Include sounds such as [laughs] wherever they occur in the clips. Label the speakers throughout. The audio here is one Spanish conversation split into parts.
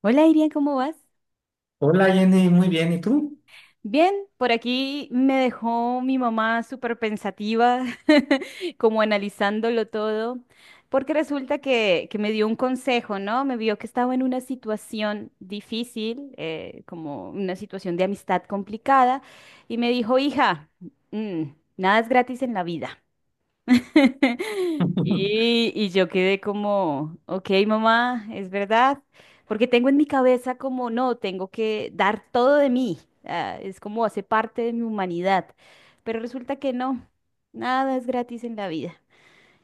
Speaker 1: Hola Irian, ¿cómo vas?
Speaker 2: Hola Jenny, muy bien, ¿y tú?
Speaker 1: Bien, por aquí me dejó mi mamá súper pensativa, [laughs] como analizándolo todo, porque resulta que me dio un consejo, ¿no? Me vio que estaba en una situación difícil, como una situación de amistad complicada, y me dijo, hija, mm, nada es gratis en la vida. [laughs]
Speaker 2: [laughs]
Speaker 1: Y yo quedé como, ok, mamá, es verdad, porque tengo en mi cabeza como, no, tengo que dar todo de mí, ah, es como hace parte de mi humanidad, pero resulta que no, nada es gratis en la vida.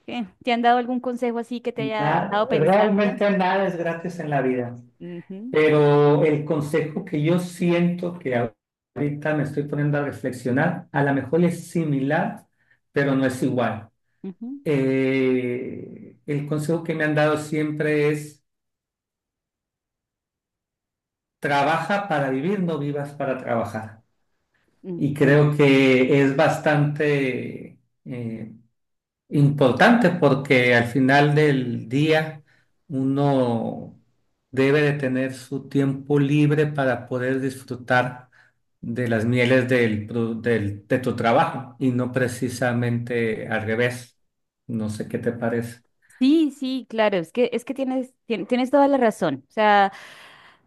Speaker 1: ¿Qué? ¿Te han dado algún consejo así que te haya dejado pensando?
Speaker 2: Realmente nada es gratis en la vida,
Speaker 1: Ujú,
Speaker 2: pero el consejo que yo siento que ahorita me estoy poniendo a reflexionar, a lo mejor es similar, pero no es igual.
Speaker 1: ujú,
Speaker 2: El consejo que me han dado siempre es, trabaja para vivir, no vivas para trabajar.
Speaker 1: mm,
Speaker 2: Y creo
Speaker 1: ok.
Speaker 2: que es bastante eh, importante porque al final del día uno debe de tener su tiempo libre para poder disfrutar de las mieles de tu trabajo y no precisamente al revés. No sé qué te parece.
Speaker 1: Sí, sí, claro, es que tienes toda la razón, o sea.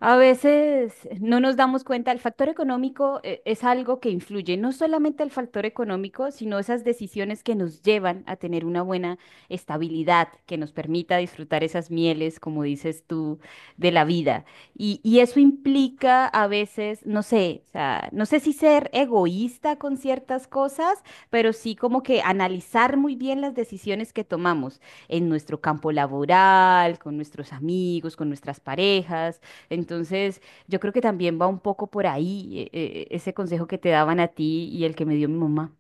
Speaker 1: A veces no nos damos cuenta, el factor económico es algo que influye, no solamente el factor económico, sino esas decisiones que nos llevan a tener una buena estabilidad, que nos permita disfrutar esas mieles, como dices tú, de la vida. Y eso implica a veces, no sé, o sea, no sé si ser egoísta con ciertas cosas, pero sí como que analizar muy bien las decisiones que tomamos en nuestro campo laboral, con nuestros amigos, con nuestras parejas, entonces, yo creo que también va un poco por ahí, ese consejo que te daban a ti y el que me dio mi mamá.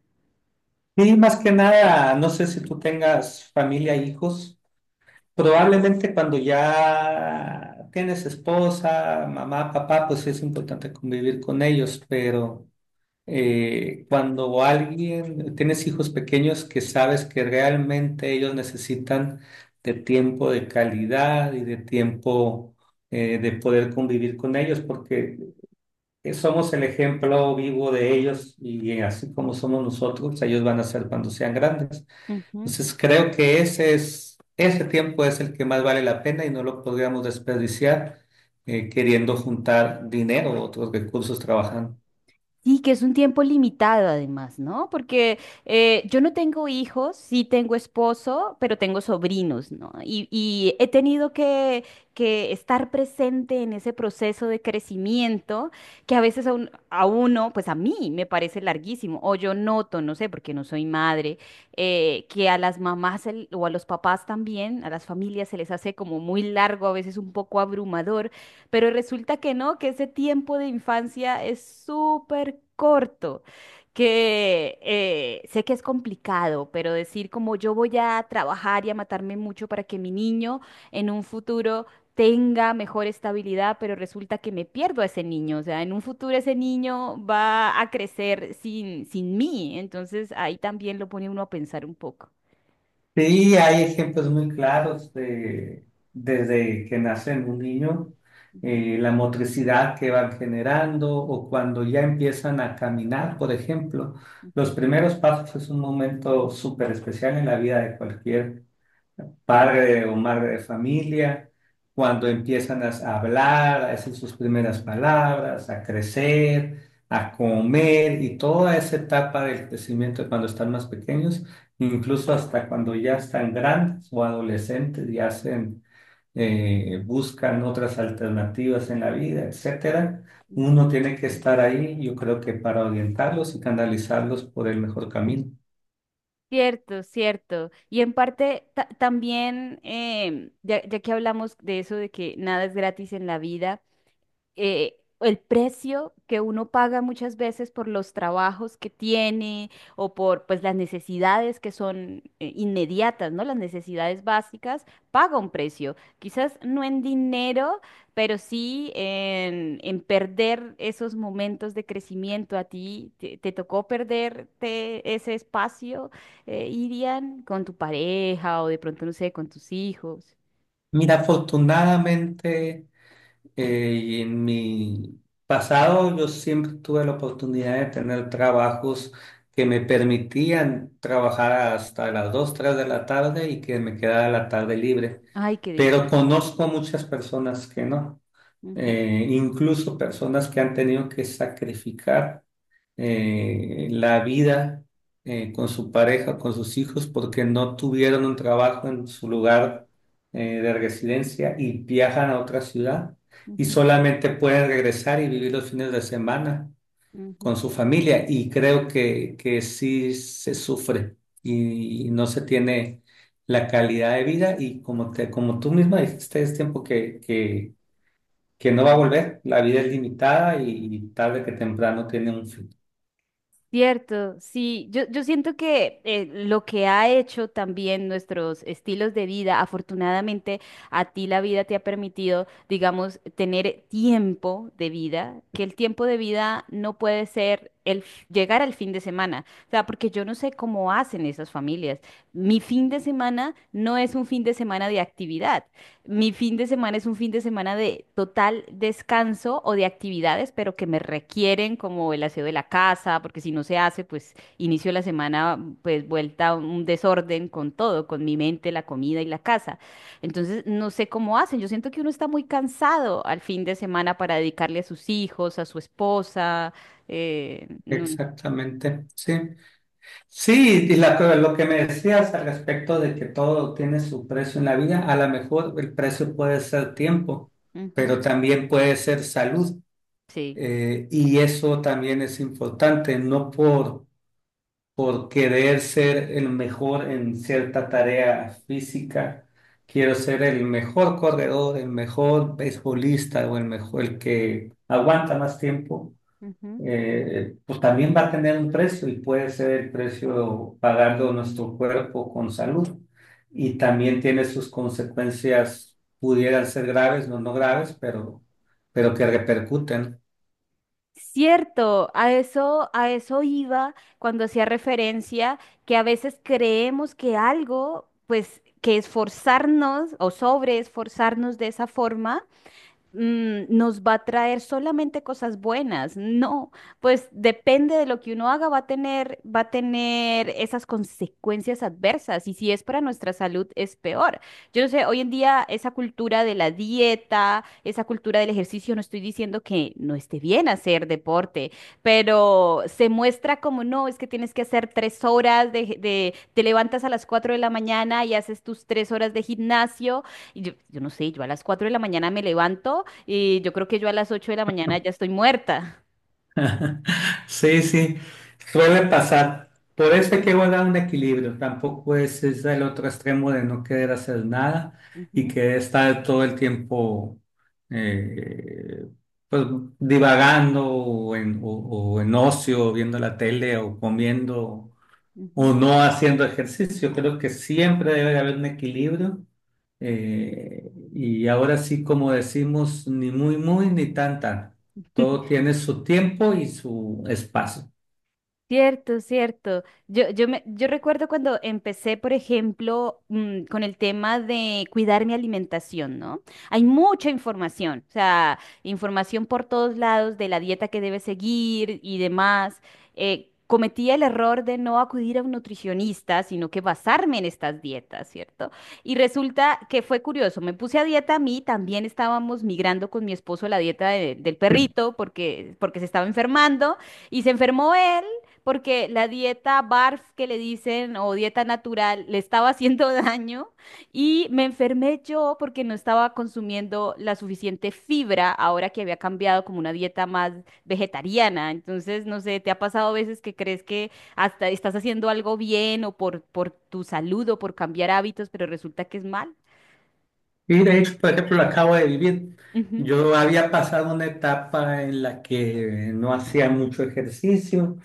Speaker 2: Y más que nada, no sé si tú tengas familia, hijos. Probablemente cuando ya tienes esposa, mamá, papá, pues sí es importante convivir con ellos, pero cuando alguien tienes hijos pequeños que sabes que realmente ellos necesitan de tiempo de calidad y de tiempo de poder convivir con ellos, porque somos el ejemplo vivo de ellos y así como somos nosotros, ellos van a ser cuando sean grandes.
Speaker 1: Ujú.
Speaker 2: Entonces creo que ese tiempo es el que más vale la pena y no lo podríamos desperdiciar queriendo juntar dinero o otros recursos trabajando.
Speaker 1: Sí, que es un tiempo limitado además, ¿no? Porque yo no tengo hijos, sí tengo esposo, pero tengo sobrinos, ¿no? Y he tenido que estar presente en ese proceso de crecimiento que a veces a uno, pues a mí me parece larguísimo, o yo noto, no sé, porque no soy madre, que a las mamás o a los papás también, a las familias se les hace como muy largo, a veces un poco abrumador, pero resulta que no, que ese tiempo de infancia es súper corto, que sé que es complicado, pero decir como yo voy a trabajar y a matarme mucho para que mi niño en un futuro tenga mejor estabilidad, pero resulta que me pierdo a ese niño, o sea, en un futuro ese niño va a crecer sin mí, entonces ahí también lo pone uno a pensar un poco.
Speaker 2: Sí, hay ejemplos muy claros de, desde que nacen un niño,
Speaker 1: Ujú.
Speaker 2: la motricidad que van generando o cuando ya empiezan a caminar, por ejemplo. Los primeros pasos es un momento súper especial en la vida de cualquier padre o madre de familia, cuando empiezan a hablar, a decir sus primeras palabras, a crecer, a comer y toda esa etapa del crecimiento cuando están más pequeños, incluso hasta cuando ya están grandes o adolescentes y hacen, buscan otras alternativas en la vida, etcétera. Uno tiene que estar ahí, yo creo que para orientarlos y canalizarlos por el mejor camino.
Speaker 1: Cierto, cierto. Y en parte también, ya, ya que hablamos de eso, de que nada es gratis en la vida, el precio que uno paga muchas veces por los trabajos que tiene o por pues las necesidades que son inmediatas, ¿no? Las necesidades básicas, paga un precio. Quizás no en dinero, pero sí en perder esos momentos de crecimiento. ¿A ti te tocó perderte ese espacio, Irian, con tu pareja o de pronto, no sé, con tus hijos?
Speaker 2: Mira, afortunadamente, y en mi pasado yo siempre tuve la oportunidad de tener trabajos que me permitían trabajar hasta las 2 3 de la tarde y que me quedara la tarde libre.
Speaker 1: Ay, qué dicho.
Speaker 2: Pero conozco muchas personas que no, incluso personas que han tenido que sacrificar la vida con su pareja, con sus hijos, porque no tuvieron un trabajo en su lugar de residencia y viajan a otra ciudad y solamente pueden regresar y vivir los fines de semana con su familia. Y creo que sí se sufre y no se tiene la calidad de vida y como, te, como tú misma dijiste, es tiempo que no va a volver, la vida es limitada y tarde que temprano tiene un fin.
Speaker 1: Cierto, sí, yo siento que lo que ha hecho también nuestros estilos de vida, afortunadamente a ti la vida te ha permitido, digamos, tener tiempo de vida, que el tiempo de vida no puede ser llegar al fin de semana, o sea, porque yo no sé cómo hacen esas familias. Mi fin de semana no es un fin de semana de actividad, mi fin de semana es un fin de semana de total descanso o de actividades, pero que me requieren como el aseo de la casa, porque si no se hace, pues inicio la semana pues vuelta a un desorden con todo, con mi mente, la comida y la casa. Entonces, no sé cómo hacen. Yo siento que uno está muy cansado al fin de semana para dedicarle a sus hijos, a su esposa. eh, no-
Speaker 2: Exactamente, sí. Sí, y la lo que me decías al respecto de que todo tiene su precio en la vida, a lo mejor el precio puede ser tiempo,
Speaker 1: Ujú,
Speaker 2: pero también puede ser salud.
Speaker 1: sí.
Speaker 2: Y eso también es importante, no por, por querer ser el mejor en cierta tarea física, quiero ser el mejor corredor, el mejor beisbolista o el mejor, el que aguanta más tiempo.
Speaker 1: Ujú.
Speaker 2: Pues también va a tener un precio y puede ser el precio pagando nuestro cuerpo con salud. Y también tiene sus consecuencias, pudieran ser graves, no, no graves, pero que repercuten.
Speaker 1: Cierto, a eso, iba cuando hacía referencia que a veces creemos que algo, pues que esforzarnos o sobre esforzarnos de esa forma, nos va a traer solamente cosas buenas. No, pues depende de lo que uno haga, va a tener esas consecuencias adversas. Y si es para nuestra salud, es peor. Yo no sé, hoy en día esa cultura de la dieta, esa cultura del ejercicio, no estoy diciendo que no esté bien hacer deporte, pero se muestra como no, es que tienes que hacer 3 horas te levantas a las 4 de la mañana y haces tus 3 horas de gimnasio y yo no sé, yo a las 4 de la mañana me levanto y yo creo que yo a las 8 de la mañana ya estoy muerta.
Speaker 2: [laughs] Sí, sí, suele pasar. Por eso hay que guardar un equilibrio. Tampoco es el otro extremo de no querer hacer nada y
Speaker 1: Ujú,
Speaker 2: querer estar todo el tiempo eh, pues, divagando o en ocio, viendo la tele o comiendo o
Speaker 1: ujú.
Speaker 2: no haciendo ejercicio. Creo que siempre debe haber un equilibrio. Y ahora sí, como decimos, ni muy, muy, ni tan, tan. Todo tiene su tiempo y su espacio.
Speaker 1: Cierto, cierto. Yo recuerdo cuando empecé, por ejemplo, con el tema de cuidar mi alimentación, ¿no? Hay mucha información, o sea, información por todos lados de la dieta que debes seguir y demás. Cometí el error de no acudir a un nutricionista, sino que basarme en estas dietas, ¿cierto? Y resulta que fue curioso, me puse a dieta a mí, también estábamos migrando con mi esposo a la dieta del perrito porque, se estaba enfermando. Y se enfermó él porque la dieta BARF que le dicen o dieta natural le estaba haciendo [laughs] daño y me enfermé yo porque no estaba consumiendo la suficiente fibra ahora que había cambiado como una dieta más vegetariana. Entonces, no sé, ¿te ha pasado a veces que crees que hasta estás haciendo algo bien o por tu salud o por cambiar hábitos, pero resulta que es mal?
Speaker 2: Y de hecho, por ejemplo, lo acabo de vivir.
Speaker 1: Ujú,
Speaker 2: Yo había pasado una etapa en la que no hacía mucho ejercicio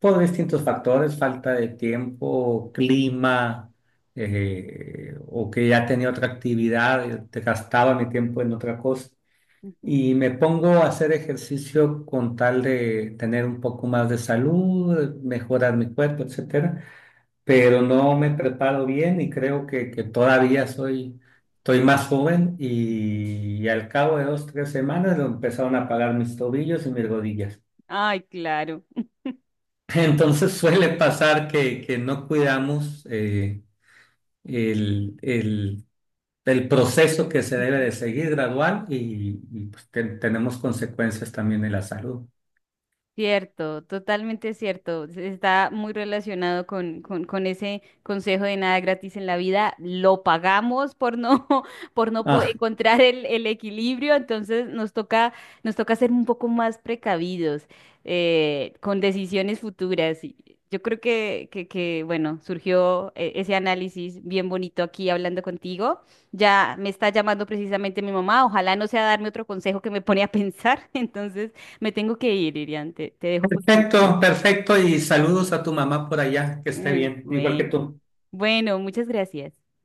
Speaker 2: por distintos factores, falta de tiempo, clima, o que ya tenía otra actividad, te gastaba mi tiempo en otra cosa.
Speaker 1: ujú,
Speaker 2: Y me pongo a hacer ejercicio con tal de tener un poco más de salud, mejorar mi cuerpo, etcétera, pero no me preparo bien y creo que todavía soy, estoy más joven
Speaker 1: ujú.
Speaker 2: y, al cabo de dos, tres semanas lo empezaron a pagar mis tobillos y mis rodillas.
Speaker 1: Ay, claro.
Speaker 2: [laughs] Entonces suele
Speaker 1: Ujú,
Speaker 2: pasar que no cuidamos el, el- el proceso que se debe
Speaker 1: ujú.
Speaker 2: de seguir gradual y, pues, tenemos consecuencias también en la salud.
Speaker 1: Cierto, totalmente cierto. Está muy relacionado con ese consejo de nada gratis en la vida. Lo pagamos por no, [laughs] por no
Speaker 2: Ah,
Speaker 1: encontrar el equilibrio, entonces nos toca ser un poco más precavidos, con decisiones futuras. Y yo creo que, bueno, surgió ese análisis bien bonito aquí hablando contigo. Ya me está llamando precisamente mi mamá. Ojalá no sea darme otro consejo que me pone a pensar. [laughs] Entonces. Me tengo que ir, Irian. Te dejo por el
Speaker 2: perfecto,
Speaker 1: momento.
Speaker 2: perfecto. Y saludos a tu mamá por allá, que esté bien, igual que
Speaker 1: Bueno,
Speaker 2: tú.
Speaker 1: bueno, muchas gracias.